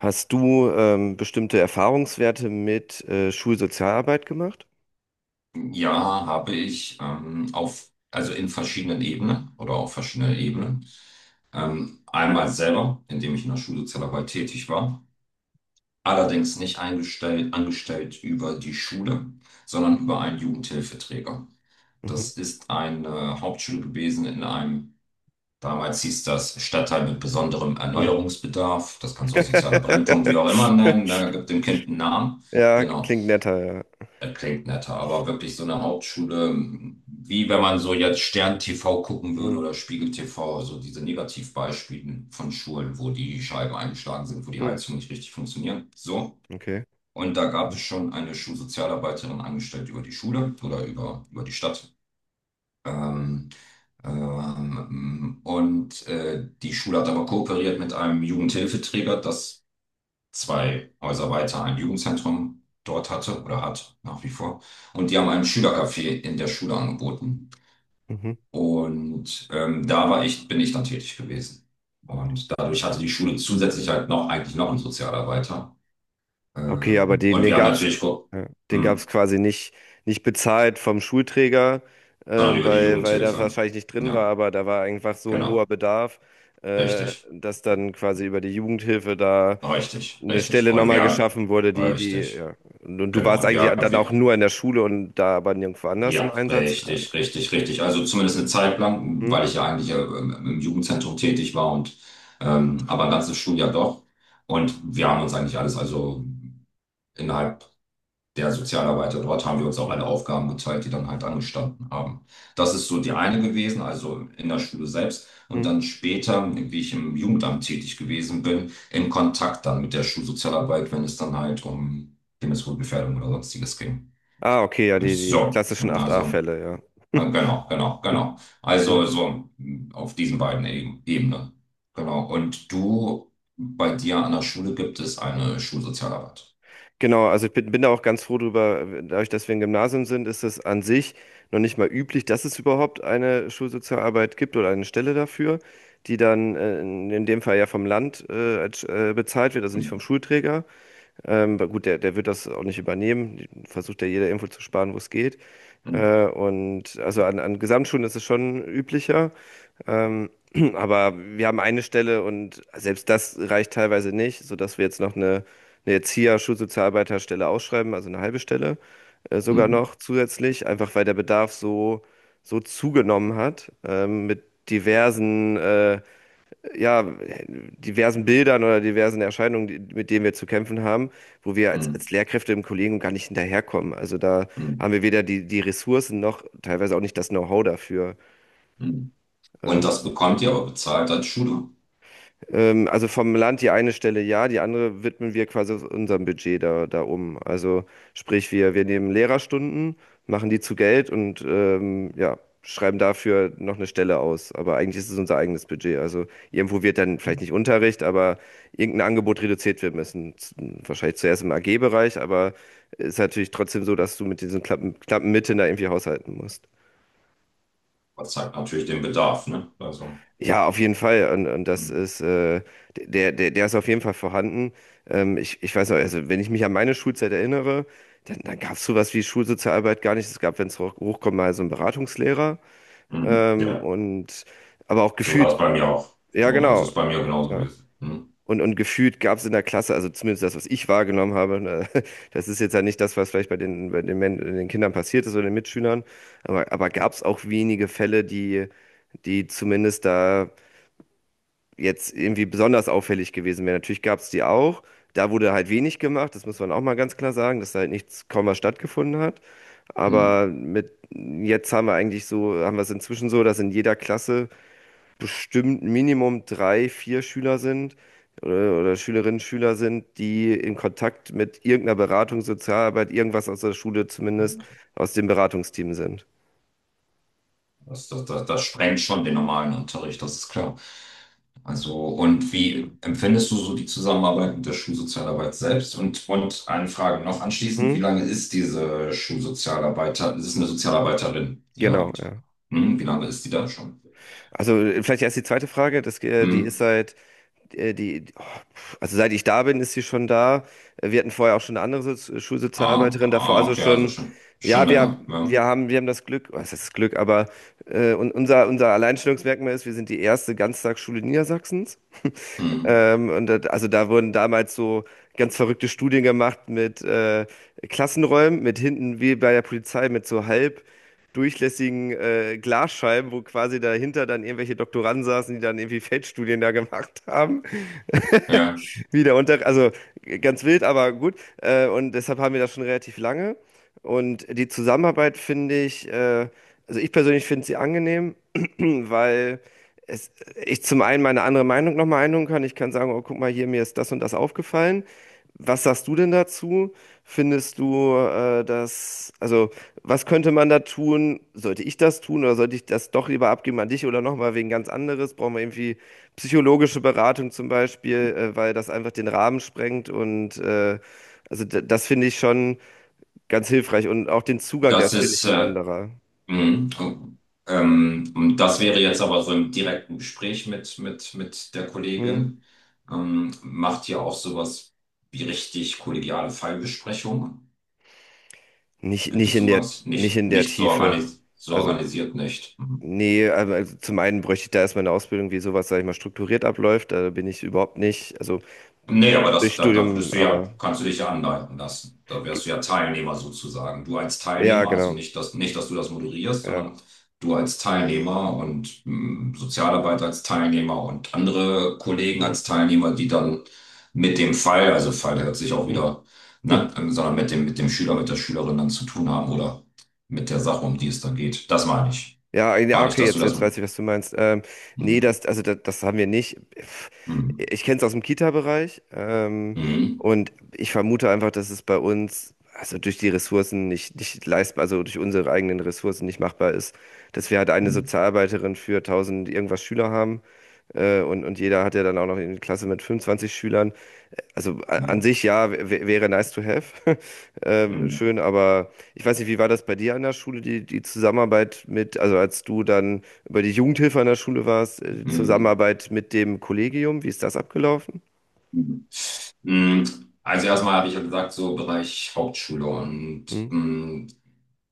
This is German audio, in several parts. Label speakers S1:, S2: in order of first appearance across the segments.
S1: Hast du bestimmte Erfahrungswerte mit Schulsozialarbeit gemacht?
S2: Ja, habe ich auf, also in verschiedenen Ebenen oder auf verschiedenen Ebenen. Einmal selber, indem ich in der Schulsozialarbeit tätig war. Allerdings nicht eingestellt, angestellt über die Schule, sondern über einen Jugendhilfeträger.
S1: Mhm.
S2: Das ist eine Hauptschule gewesen in einem, damals hieß das Stadtteil mit besonderem
S1: Mhm.
S2: Erneuerungsbedarf. Das kannst du auch sozialer Brennpunkt, wie auch immer nennen. Da gibt dem Kind einen Namen.
S1: Ja,
S2: Genau.
S1: klingt netter, ja.
S2: Das klingt netter, aber wirklich so eine Hauptschule, wie wenn man so jetzt Stern TV gucken würde
S1: Mhm.
S2: oder Spiegel TV, so diese Negativbeispiele von Schulen, wo die Scheiben eingeschlagen sind, wo die
S1: Mhm.
S2: Heizung nicht richtig funktioniert. So.
S1: Okay.
S2: Und da gab es schon eine Schulsozialarbeiterin angestellt über die Schule oder über die Stadt. Ähm, Die Schule hat aber kooperiert mit einem Jugendhilfeträger, dass zwei Häuser weiter ein Jugendzentrum dort hatte oder hat nach wie vor. Und die haben ein Schülercafé in der Schule angeboten.
S1: Mhm.
S2: Und da war ich, bin ich dann tätig gewesen. Und dadurch hatte die Schule zusätzlich halt noch eigentlich noch einen Sozialarbeiter.
S1: Okay, aber den,
S2: Und
S1: den
S2: wir haben
S1: gab's,
S2: natürlich geguckt,
S1: ja, den gab's
S2: hm,
S1: quasi nicht, nicht bezahlt vom Schulträger,
S2: sondern über die
S1: weil da
S2: Jugendhilfe.
S1: wahrscheinlich nicht drin war,
S2: Ja,
S1: aber da war einfach so ein hoher
S2: genau.
S1: Bedarf,
S2: Richtig.
S1: dass dann quasi über die Jugendhilfe da
S2: Richtig,
S1: eine
S2: richtig.
S1: Stelle
S2: Und
S1: nochmal
S2: wir haben,
S1: geschaffen wurde, die, die,
S2: richtig,
S1: ja. Und du
S2: genau.
S1: warst
S2: Und
S1: eigentlich dann
S2: wir,
S1: auch nur in der Schule und da aber nirgendwo anders im
S2: ja,
S1: Einsatz. Ja.
S2: richtig, richtig, richtig. Also zumindest eine Zeit lang,
S1: Hm?
S2: weil ich ja eigentlich im Jugendzentrum tätig war und aber ein ganzes Schuljahr doch. Und wir haben uns eigentlich alles, also innerhalb der Sozialarbeiter dort haben wir uns auch
S1: Hm?
S2: alle Aufgaben geteilt, die dann halt angestanden haben. Das ist so die eine gewesen, also in der Schule selbst. Und
S1: Hm?
S2: dann später, wie ich im Jugendamt tätig gewesen bin, im Kontakt dann mit der Schulsozialarbeit, wenn es dann halt um Kindeswohlgefährdung oder sonstiges ging.
S1: Ah, okay, ja, die
S2: So,
S1: klassischen
S2: also.
S1: 8a-Fälle,
S2: Ja, genau, genau, genau.
S1: ja.
S2: Also so mh, auf diesen beiden Ebenen. Genau. Und du, bei dir an der Schule gibt es eine Schulsozialarbeit.
S1: Genau, also ich bin da auch ganz froh drüber. Dadurch, dass wir ein Gymnasium sind, ist es an sich noch nicht mal üblich, dass es überhaupt eine Schulsozialarbeit gibt oder eine Stelle dafür, die dann in dem Fall ja vom Land bezahlt wird, also nicht vom Schulträger. Aber gut, der wird das auch nicht übernehmen. Versucht ja jeder irgendwo zu sparen, wo es geht.
S2: Mhm,
S1: Und also an Gesamtschulen ist es schon üblicher. Ähm, aber wir haben eine Stelle und selbst das reicht teilweise nicht, sodass wir jetzt noch eine, Schulsozialarbeiterstelle ausschreiben, also eine halbe Stelle, sogar
S2: mhm,
S1: noch zusätzlich, einfach weil der Bedarf so, so zugenommen hat, mit diversen, äh, ja, diversen Bildern oder diversen Erscheinungen, mit denen wir zu kämpfen haben, wo wir als,
S2: mhm,
S1: als Lehrkräfte im Kollegium gar nicht hinterherkommen. Also da
S2: mhm,
S1: haben wir weder die Ressourcen noch teilweise auch nicht das Know-how dafür.
S2: mhm. Und
S1: Ähm,
S2: das bekommt ihr aber bezahlt als Schule.
S1: Also vom Land die eine Stelle ja, die andere widmen wir quasi aus unserem Budget da um. Also sprich, wir nehmen Lehrerstunden, machen die zu Geld und ja, schreiben dafür noch eine Stelle aus. Aber eigentlich ist es unser eigenes Budget. Also irgendwo wird dann vielleicht nicht Unterricht, aber irgendein Angebot reduziert werden müssen. Wahrscheinlich zuerst im AG-Bereich, aber es ist natürlich trotzdem so, dass du mit diesen knappen, knappen Mitteln da irgendwie haushalten musst.
S2: Das zeigt natürlich den Bedarf, ne? Also,
S1: Ja, auf jeden Fall. Und
S2: mhm,
S1: der ist auf jeden Fall vorhanden. Ich weiß noch, also wenn ich mich an meine Schulzeit erinnere, dann gab es sowas wie Schulsozialarbeit gar nicht. Es gab, wenn es hochkommt, mal so einen Beratungslehrer.
S2: mhm.
S1: Ähm,
S2: Ja,
S1: und aber auch
S2: so war
S1: gefühlt,
S2: es bei mir auch.
S1: ja
S2: So, also
S1: genau.
S2: ist bei mir genauso
S1: Ja.
S2: gewesen. Mhm,
S1: Und gefühlt gab es in der Klasse, also zumindest das, was ich wahrgenommen habe, ne, das ist jetzt ja nicht das, was vielleicht bei den, Men den Kindern passiert ist oder den Mitschülern, aber gab es auch wenige Fälle, die zumindest da jetzt irgendwie besonders auffällig gewesen wäre. Natürlich gab es die auch. Da wurde halt wenig gemacht, das muss man auch mal ganz klar sagen, dass da halt nichts, kaum was stattgefunden hat.
S2: mhm.
S1: Aber mit jetzt haben wir eigentlich so, haben wir es inzwischen so, dass in jeder Klasse bestimmt Minimum drei, vier Schüler sind oder Schülerinnen, Schüler sind, die in Kontakt mit irgendeiner Beratung, Sozialarbeit, irgendwas aus der Schule zumindest, aus dem Beratungsteam sind.
S2: Das sprengt schon den normalen Unterricht, das ist klar. Also, und wie empfindest du so die Zusammenarbeit mit der Schulsozialarbeit selbst? Und eine Frage noch anschließend, wie
S1: Hm?
S2: lange ist diese Schulsozialarbeiter, es ist eine Sozialarbeiterin, die ihr
S1: Genau,
S2: habt?
S1: ja.
S2: Hm, wie lange ist die da schon?
S1: Also vielleicht erst die zweite Frage,
S2: Hm?
S1: äh, die, oh, also seit ich da bin, ist sie schon da. Wir hatten vorher auch schon eine andere
S2: Ah,
S1: Schulsozialarbeiterin davor,
S2: ah,
S1: also
S2: okay, also
S1: schon,
S2: schon, schon
S1: ja, wir,
S2: länger, ja.
S1: wir haben, wir haben das Glück, was heißt das Glück, aber unser Alleinstellungsmerkmal ist, wir sind die erste Ganztagsschule Niedersachsens.
S2: Hm,
S1: Und also da wurden damals so ganz verrückte Studien gemacht mit Klassenräumen, mit hinten wie bei der Polizei mit so halb durchlässigen Glasscheiben, wo quasi dahinter dann irgendwelche Doktoranden saßen, die dann irgendwie Feldstudien da gemacht haben.
S2: ja,
S1: Also ganz wild, aber gut. Und deshalb haben wir das schon relativ lange. Und die Zusammenarbeit finde ich, also ich persönlich finde sie angenehm, weil es, ich zum einen meine andere Meinung nochmal einholen kann. Ich kann sagen, oh, guck mal hier, mir ist das und das aufgefallen. Was sagst du denn dazu? Findest du, also was könnte man da tun? Sollte ich das tun oder sollte ich das doch lieber abgeben an dich oder nochmal wegen ganz anderes? Brauchen wir irgendwie psychologische Beratung zum Beispiel, weil das einfach den Rahmen sprengt und also das finde ich schon ganz hilfreich und auch den Zugang, der
S2: das
S1: ist, finde ich,
S2: ist,
S1: ein anderer.
S2: mhm. Und das wäre jetzt aber so im direkten Gespräch mit, mit der
S1: Hm?
S2: Kollegin. Macht ihr auch sowas wie richtig kollegiale Fallbesprechung?
S1: Nicht,
S2: Gibt
S1: nicht
S2: es
S1: in
S2: sowas? Nicht,
S1: der
S2: nicht so
S1: Tiefe.
S2: organis so
S1: Also,
S2: organisiert nicht. Mhm.
S1: nee, aber also zum einen bräuchte ich da erstmal eine Ausbildung, wie sowas, sag ich mal, strukturiert abläuft. Da bin ich überhaupt nicht. Also
S2: Nee, aber das,
S1: durch
S2: da, da
S1: Studium,
S2: würdest du ja,
S1: aber
S2: kannst du dich ja anleiten lassen. Da
S1: ge-
S2: wärst du ja Teilnehmer sozusagen. Du als
S1: ja,
S2: Teilnehmer, also
S1: genau.
S2: nicht, dass, nicht, dass du das moderierst,
S1: Ja.
S2: sondern du als Teilnehmer und mh, Sozialarbeiter als Teilnehmer und andere Kollegen
S1: Hm,
S2: als Teilnehmer, die dann mit dem Fall, also Fall hört sich auch wieder,
S1: hm.
S2: ne, sondern mit dem Schüler, mit der Schülerin dann zu tun haben oder mit der Sache, um die es dann geht. Das meine ich.
S1: Ja, ja,
S2: Gar nicht,
S1: okay,
S2: dass du
S1: jetzt,
S2: das.
S1: jetzt weiß ich, was du meinst. Nee,
S2: Mhm.
S1: also das haben wir nicht.
S2: Mhm.
S1: Ich kenne es aus dem Kita-Bereich,
S2: Mhm.
S1: und ich vermute einfach, dass es bei uns, also durch die Ressourcen nicht leistbar, also durch unsere eigenen Ressourcen nicht machbar ist, dass wir halt eine
S2: Mhm.
S1: Sozialarbeiterin für 1.000 irgendwas Schüler haben. Und jeder hat ja dann auch noch eine Klasse mit 25 Schülern. Also an sich ja, wäre nice to have.
S2: Mhm.
S1: Schön, aber ich weiß nicht, wie war das bei dir an der Schule, die Zusammenarbeit mit, also als du dann über die Jugendhilfe an der Schule warst, die
S2: Mhm.
S1: Zusammenarbeit mit dem Kollegium, wie ist das abgelaufen?
S2: Mhm. Mm, also erstmal habe ich ja gesagt, so Bereich Hauptschule und
S1: Hm,
S2: mm,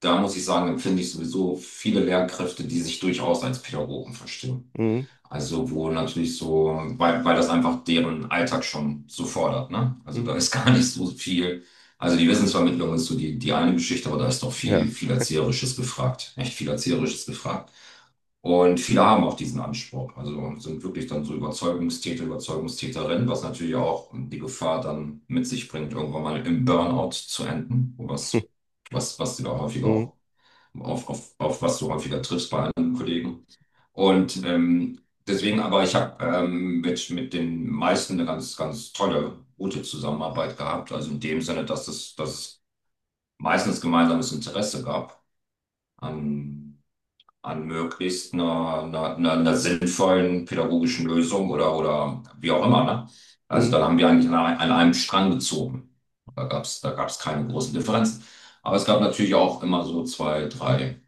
S2: da muss ich sagen, empfinde ich sowieso viele Lehrkräfte, die sich durchaus als Pädagogen verstehen.
S1: hm,
S2: Also wo natürlich so, weil, weil das einfach deren Alltag schon so fordert, ne? Also da
S1: hm,
S2: ist gar nicht so viel. Also die Wissensvermittlung ist so die, die eine Geschichte, aber da ist doch
S1: ja.
S2: viel, viel Erzieherisches gefragt. Echt viel Erzieherisches gefragt. Und viele haben auch diesen Anspruch. Also sind wirklich dann so Überzeugungstäter, Überzeugungstäterinnen, was natürlich auch die Gefahr dann mit sich bringt, irgendwann mal im Burnout zu enden, was, was sie da häufig
S1: Hm,
S2: auch auf was du häufiger triffst bei anderen Kollegen. Und deswegen, aber ich habe mit den meisten eine ganz, ganz tolle, gute Zusammenarbeit gehabt. Also in dem Sinne, dass es meistens gemeinsames Interesse gab an, an möglichst einer sinnvollen pädagogischen Lösung oder wie auch immer. Ne? Also
S1: hm.
S2: dann haben wir eigentlich an, an einem Strang gezogen. Da gab's keine großen Differenzen. Aber es gab natürlich auch immer so zwei, drei.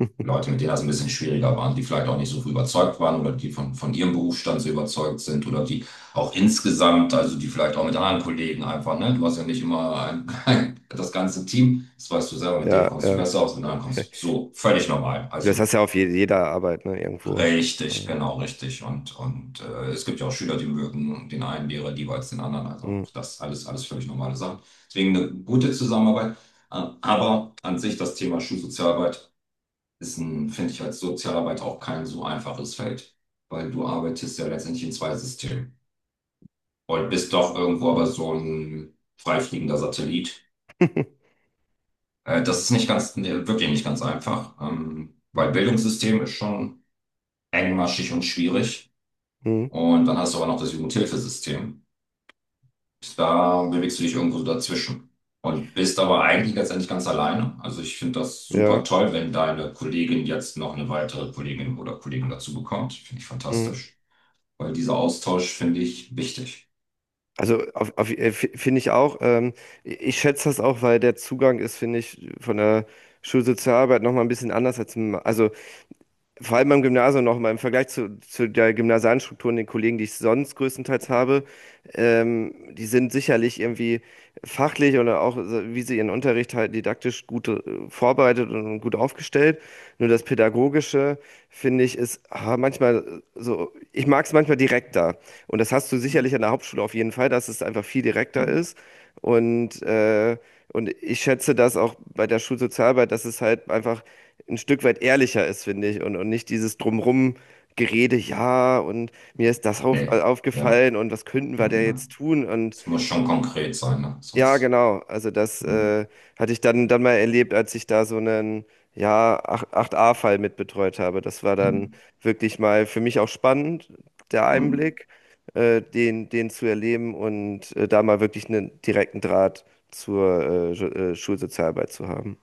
S2: Leute, mit denen das ein bisschen schwieriger waren, die vielleicht auch nicht so überzeugt waren oder die von ihrem Berufsstand so überzeugt sind oder die auch insgesamt, also die vielleicht auch mit anderen Kollegen einfach, ne? Du hast ja nicht immer das ganze Team, das weißt du selber, mit denen
S1: Ja,
S2: kommst du
S1: ja.
S2: besser aus, mit anderen kommst du so völlig normal.
S1: Das
S2: Also
S1: hast du ja auf jeder Arbeit, ne, irgendwo.
S2: richtig,
S1: Ja.
S2: genau richtig. Und es gibt ja auch Schüler, die mögen den einen Lehrer lieber als den anderen. Also
S1: Hm.
S2: auch das alles, alles völlig normale Sachen. Deswegen eine gute Zusammenarbeit. Aber an sich das Thema Schulsozialarbeit ist ein, finde ich, als Sozialarbeit auch kein so einfaches Feld, weil du arbeitest ja letztendlich in zwei Systemen und bist doch irgendwo aber so ein freifliegender Satellit. Das ist nicht ganz, nee, wirklich nicht ganz einfach, weil Bildungssystem ist schon engmaschig und schwierig
S1: Hm,
S2: und dann hast du aber noch das Jugendhilfesystem. Da bewegst du dich irgendwo so dazwischen. Und bist aber eigentlich letztendlich ganz alleine. Also ich finde das
S1: ja.
S2: super toll, wenn deine Kollegin jetzt noch eine weitere Kollegin oder Kollegen dazu bekommt. Finde ich
S1: Hm.
S2: fantastisch. Weil dieser Austausch finde ich wichtig.
S1: Also finde ich auch, ich schätze das auch, weil der Zugang ist, finde ich, von der Schulsozialarbeit nochmal ein bisschen anders als, im- also vor allem beim Gymnasium nochmal im Vergleich zu der gymnasialen Struktur und den Kollegen, die ich sonst größtenteils habe, die sind sicherlich irgendwie fachlich oder auch, so, wie sie ihren Unterricht halt didaktisch gut vorbereitet und gut aufgestellt. Nur das Pädagogische, finde ich, ist manchmal so, ich mag es manchmal direkter. Und das hast du sicherlich an der Hauptschule auf jeden Fall, dass es einfach viel direkter
S2: Hm.
S1: ist. Und äh, und ich schätze das auch bei der Schulsozialarbeit, dass es halt einfach ein Stück weit ehrlicher ist, finde ich, und nicht dieses drumherum gerede ja, und mir ist das
S2: Nee, ja.
S1: aufgefallen und was könnten wir da
S2: Ja.
S1: jetzt tun? Und
S2: Es muss schon konkret sein, ne?
S1: ja,
S2: Sonst.
S1: genau. Also das
S2: Hm.
S1: hatte ich dann mal erlebt, als ich da so einen ja, acht 8a-Fall mitbetreut habe. Das war dann
S2: Hm.
S1: wirklich mal für mich auch spannend, der
S2: Hm.
S1: Einblick, den zu erleben und da mal wirklich einen direkten Draht zur Schulsozialarbeit zu haben.